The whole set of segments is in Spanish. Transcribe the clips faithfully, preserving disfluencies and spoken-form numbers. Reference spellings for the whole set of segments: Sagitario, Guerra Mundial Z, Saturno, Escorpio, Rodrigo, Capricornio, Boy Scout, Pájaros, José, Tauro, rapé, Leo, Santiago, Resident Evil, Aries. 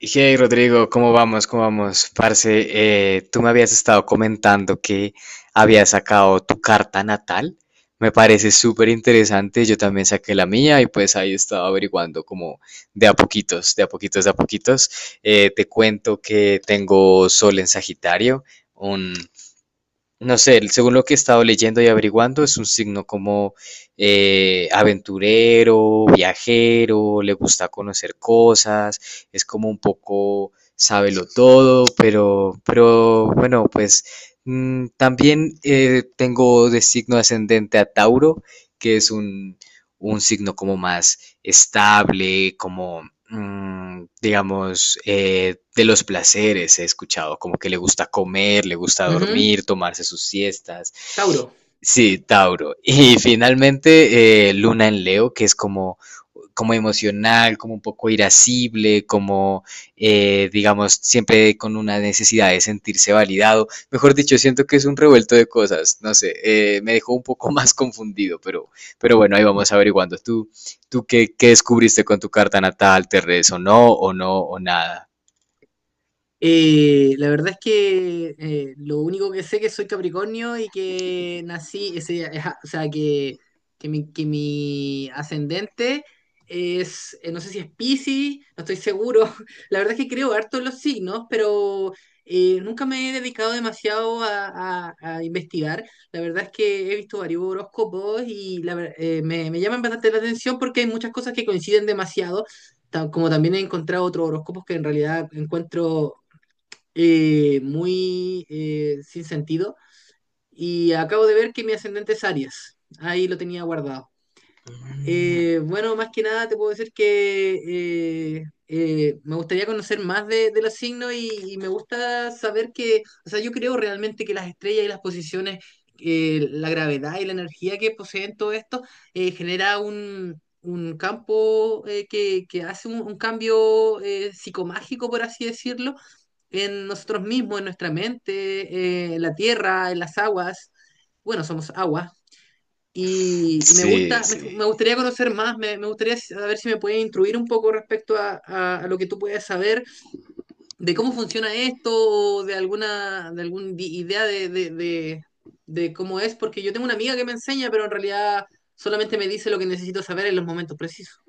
Hey Rodrigo, ¿cómo vamos? ¿Cómo vamos? Parce, eh, tú me habías estado comentando que habías sacado tu carta natal. Me parece súper interesante. Yo también saqué la mía y pues ahí estaba averiguando como de a poquitos, de a poquitos, de a poquitos. Eh, te cuento que tengo Sol en Sagitario, no sé, según lo que he estado leyendo y averiguando, es un signo como eh, aventurero, viajero, le gusta conocer cosas, es como un poco sábelo todo, pero, pero bueno, pues mm, también eh, tengo de signo ascendente a Tauro, que es un, un signo como más estable, como mm, digamos, eh, de los placeres he escuchado, como que le gusta comer, le gusta Ujú, dormir, tomarse sus siestas. Tauro. Sí, Tauro. Y finalmente, eh, Luna en Leo, que es como como emocional, como un poco irascible, como, eh, digamos, siempre con una necesidad de sentirse validado. Mejor dicho, siento que es un revuelto de cosas, no sé, eh, me dejó un poco más confundido, pero, pero bueno, ahí vamos averiguando. ¿Tú, tú qué, qué descubriste con tu carta natal? ¿Te resonó o no o nada? Eh, la verdad es que eh, lo único que sé es que soy Capricornio y que nací, ese, ajá, o sea, que, que mi, que mi ascendente es, eh, no sé si es Piscis, no estoy seguro. La verdad es que creo harto en los signos, pero eh, nunca me he dedicado demasiado a, a- a investigar. La verdad es que he visto varios horóscopos y la ver- eh, me, me llaman bastante la atención porque hay muchas cosas que coinciden demasiado. ta- Como también he encontrado otros horóscopos que en realidad encuentro eh, muy eh, sin sentido. Y acabo de ver que mi ascendente es Aries. Ahí lo tenía guardado. Mm. Eh, bueno, más que nada te puedo decir que eh, eh, me gustaría conocer más de, de los signos y, y me gusta saber que, o sea, yo creo realmente que las estrellas y las posiciones, eh, la gravedad y la energía que poseen todo esto, eh, genera un, un campo eh, que, que hace un, un cambio eh, psicomágico, por así decirlo, en nosotros mismos, en nuestra mente, eh, en la tierra, en las aguas. Bueno, somos agua. Y, y me Sí, gusta, me, sí. me gustaría conocer más, me, me gustaría saber si me puedes instruir un poco respecto a, a- a lo que tú puedes saber de cómo funciona esto o de alguna, de alguna idea de, de, de, de cómo es, porque yo tengo una amiga que me enseña, pero en realidad solamente me dice lo que necesito saber en los momentos precisos.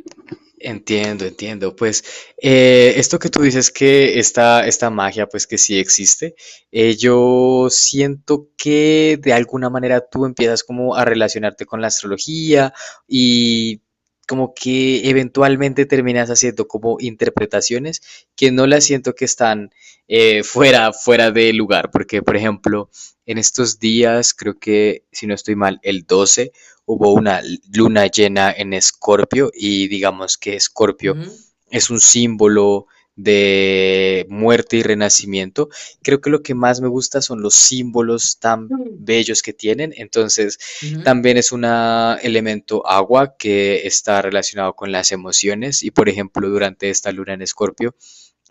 Entiendo, entiendo. Pues eh, esto que tú dices que esta, esta magia, pues que sí existe, eh, yo siento que de alguna manera tú empiezas como a relacionarte con la astrología y como que eventualmente terminas haciendo como interpretaciones que no las siento que están eh, fuera, fuera de lugar, porque por ejemplo, en estos días, creo que si no estoy mal, el doce hubo una luna llena en Escorpio y digamos que Escorpio Ujú. es un símbolo de muerte y renacimiento. Creo que lo que más me gusta son los símbolos tan Mm. bellos que tienen. Entonces, Ujú, también es un elemento agua que está relacionado con las emociones y, por ejemplo, durante esta luna en Escorpio,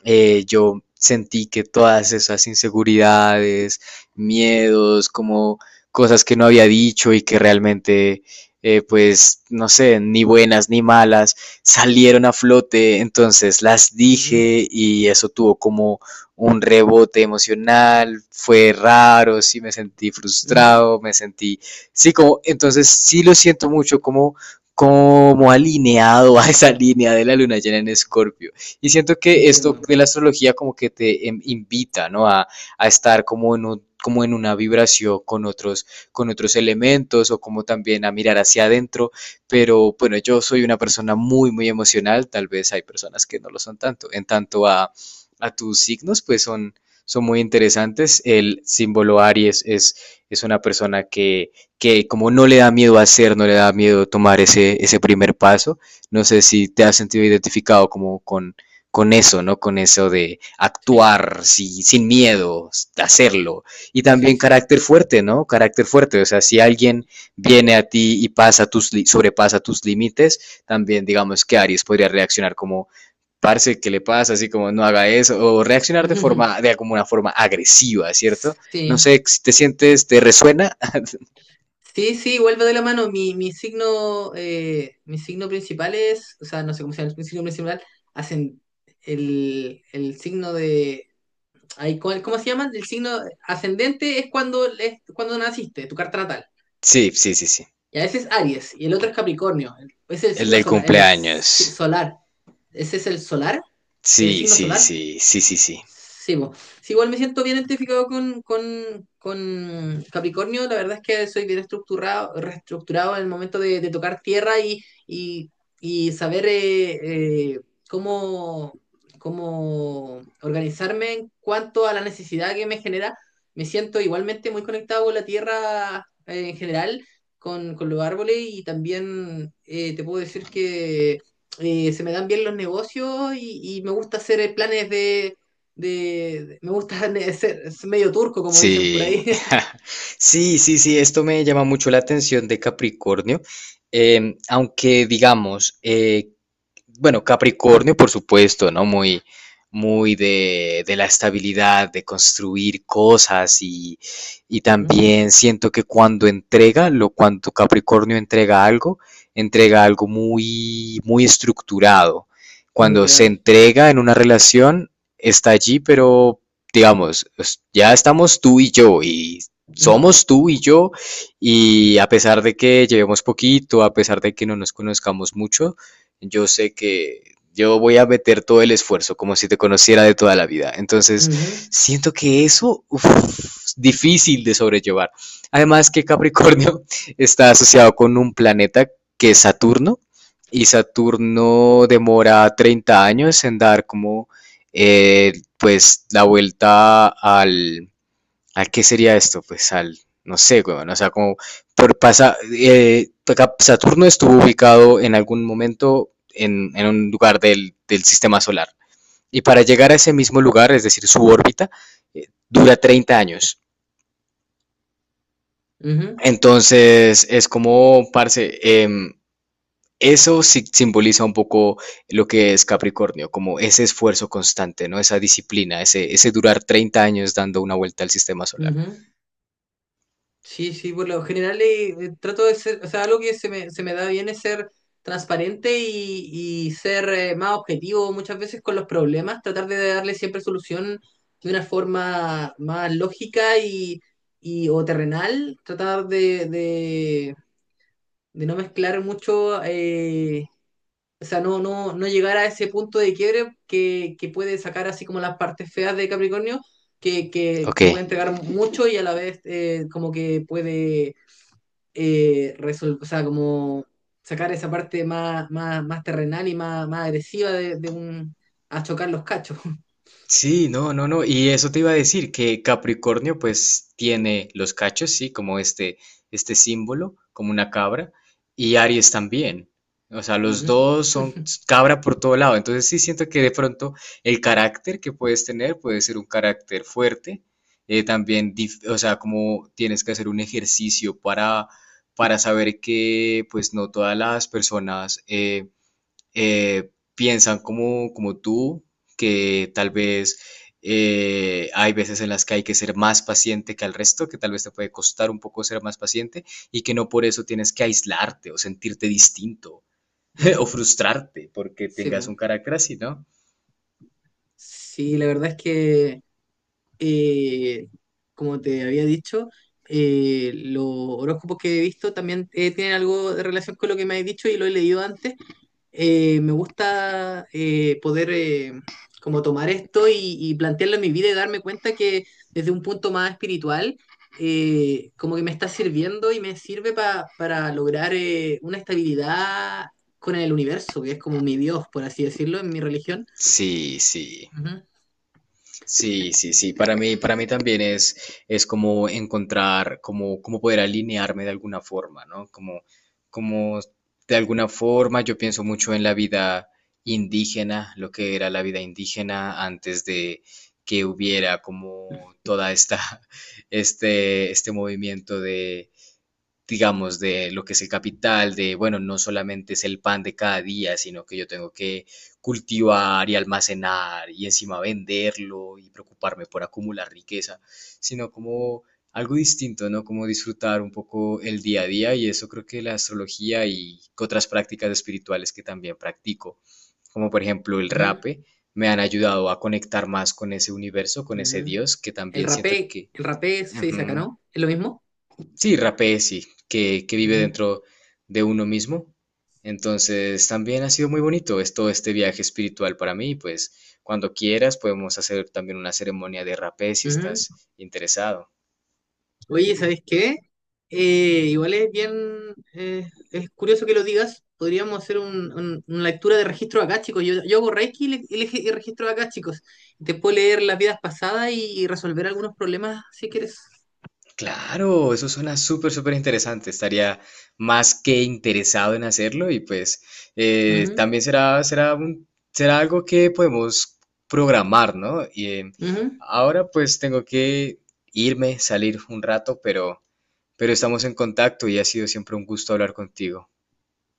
eh, yo sentí que todas esas inseguridades, miedos, como cosas que no había dicho y que realmente, eh, pues, no sé, ni buenas ni malas, salieron a flote, entonces las ujú, dije y eso tuvo como un rebote emocional, fue raro, sí me sentí Ujú. frustrado, me sentí, sí, como, entonces sí lo siento mucho como como alineado a esa línea de la luna llena en Escorpio. Y siento que esto Entiendo. de la astrología como que te em, invita, ¿no? A, a estar como en un como en una vibración con otros, con otros elementos o como también a mirar hacia adentro. Pero bueno, yo soy una persona muy, muy emocional. Tal vez hay personas que no lo son tanto. En tanto a, a tus signos, pues son, son muy interesantes. El símbolo Aries es, es una persona que, que como no le da miedo hacer, no le da miedo tomar ese, ese primer paso. No sé si te has sentido identificado como con, con eso, ¿no? Con eso de Sí, actuar si- sin miedo, de hacerlo. Y sí, también sí. carácter fuerte, ¿no? Carácter fuerte. O sea, si alguien viene a ti y pasa tus, sobrepasa tus límites, también digamos que Aries podría reaccionar como, parce, ¿qué le pasa? Así como, no haga eso. O reaccionar de forma, de como una forma agresiva, ¿cierto? No Sí. sé, si te sientes, ¿te resuena? Sí, sí, vuelve de la mano. Mi, mi signo, eh, mi signo principal es, o sea, no sé cómo se llama el signo principal, hacen el, el signo de, ay, ¿cómo, ¿cómo se llama? El signo ascendente es cuando, es cuando naciste, tu carta natal. Sí, sí, sí, sí. Y a veces es Aries, y el otro es Capricornio. Es el El signo del solar, el si- cumpleaños. solar. Ese es el solar, el Sí, signo sí, solar. sí, sí, sí, sí. Sí, bo. Sí, igual me siento bien identificado con, con- con Capricornio. La verdad es que soy bien estructurado, reestructurado en el momento de, de tocar tierra y, y- y saber eh, eh, cómo, cómo organizarme en cuanto a la necesidad que me genera. Me siento igualmente muy conectado con la tierra eh, en general, con, con los árboles y también eh, te puedo decir que eh, se me dan bien los negocios y, y me gusta hacer eh, planes de de, de- me gusta ne- ser es medio turco, como dicen por ahí. Sí, sí, sí, sí, esto me llama mucho la atención de Capricornio, em, aunque digamos, eh, bueno, Capricornio, por supuesto, ¿no? Muy, muy de, de la estabilidad, de construir cosas y, y Ujú. también siento que cuando entrega, lo cuando Capricornio entrega algo, entrega algo muy, muy estructurado. Muy Cuando se real. entrega en una relación, está allí, pero digamos, es- ya estamos tú y yo y Ujú, somos tú y yo y a pesar de que llevemos poquito, a pesar de que no nos conozcamos mucho, yo sé que yo voy a meter todo el esfuerzo, como si te conociera de toda la vida. Entonces, ujú, siento que eso uf, es difícil de sobrellevar. Además que Capricornio está asociado con un planeta que es Saturno, y Saturno demora treinta años en dar como eh, pues la vuelta al, ¿a qué sería esto? Pues al, no sé, weón, o sea, como por pasa, eh, Saturno estuvo ubicado en algún momento en, en un lugar del, del, sistema solar. Y para llegar a ese mismo lugar, es decir, su órbita, eh, dura treinta años. ujú, Entonces, es como, parce, eh, eso sí simboliza un poco lo que es Capricornio, como ese esfuerzo constante, ¿no? Esa disciplina, ese, ese durar treinta años dando una vuelta al sistema solar. Ujú. Sí, sí, por lo general eh, eh, trato de ser, o sea, algo que se me, se me da bien es ser transparente y, y ser eh, más objetivo muchas veces con los problemas, tratar de darle siempre solución de una forma más lógica y, y- o terrenal, tratar de, de, de no mezclar mucho. eh, O sea, no, no, no llegar a ese punto de quiebre que, que puede sacar así como las partes feas de Capricornio, que, que, Ok. que puede entregar mucho y a la vez eh, como que puede eh, resolver, o sea, como sacar esa parte más, más, más terrenal y más, más agresiva de, de un, a chocar los cachos. Sí, no, no, no. Y eso te iba a decir, que Capricornio pues tiene los cachos, sí, como este, este símbolo, como una cabra, y Aries también. O sea, los Ujú. dos son cabra por todo lado. Entonces sí siento que de pronto el carácter que puedes tener puede ser un carácter fuerte. Eh, también, dif- o sea, como tienes que hacer un ejercicio para, para saber que pues no todas las personas... eh, eh, piensan como, como tú, que tal vez eh, hay veces en las que hay que ser más paciente que al resto, que tal vez te puede costar un poco ser más paciente y que no por eso tienes que aislarte o sentirte distinto o Ujú. frustrarte porque Sí, tengas po. un carácter así, ¿no? Sí, la verdad es que eh, como te había dicho, eh, los horóscopos que he visto también eh, tienen algo de relación con lo que me has dicho y lo he leído antes. Eh, me gusta eh, poder eh, como tomar esto y, y plantearlo en mi vida y darme cuenta que desde un punto más espiritual, eh, como que me está sirviendo y me sirve pa- para lograr eh, una estabilidad con el universo, que es como mi Dios, por así decirlo, en mi religión. Sí, sí. Sí, sí, sí. Para mí, para mí también es, es como encontrar, como, como poder alinearme de alguna forma, ¿no? Como, como de alguna forma yo pienso mucho en la vida indígena, lo que era la vida indígena antes de que hubiera como toda esta, este, este movimiento de digamos, de lo que es el capital, de, bueno, no solamente es el pan de cada día, sino que yo tengo que cultivar y almacenar y encima venderlo y preocuparme por acumular riqueza, sino como algo distinto, ¿no? Como disfrutar un poco el día a día y eso creo que la astrología y otras prácticas espirituales que también practico, como por ejemplo el Ujú, ujú. rape, me han ayudado a conectar más con ese universo, con ese Ujú. Dios, que El también siento rapé, que... el rapé se dice acá, Ujú. ¿no? ¿Es lo mismo? Sí, rapé, sí, que, que vive Ujú, dentro de uno mismo. Entonces, también ha sido muy bonito es todo este viaje espiritual para mí. Pues, cuando quieras, podemos hacer también una ceremonia de rapé si ujú. estás interesado. Oye, ¿sabes qué? Eh, igual es bien, eh, es curioso que lo digas. Podríamos hacer un- un- una lectura de registro acá, chicos. Yo, yo hago Reiki y, le- y le- y registro acá, chicos. Te puedo leer las vidas pasadas y resolver algunos problemas si quieres. Claro, eso suena súper, súper interesante. Estaría más que interesado en hacerlo y pues eh, Ujú, también será, será un- será algo que podemos programar, ¿no? Y, eh, ujú. ahora pues tengo que irme, salir un rato, pero pero estamos en contacto y ha sido siempre un gusto hablar contigo.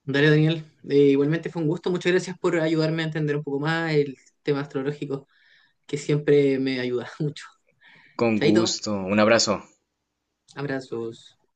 Dale, Daniel. Eh, igualmente fue un gusto. Muchas gracias por ayudarme a entender un poco más el tema astrológico, que siempre me ayuda mucho. Con Chaito. gusto, un abrazo. Abrazos.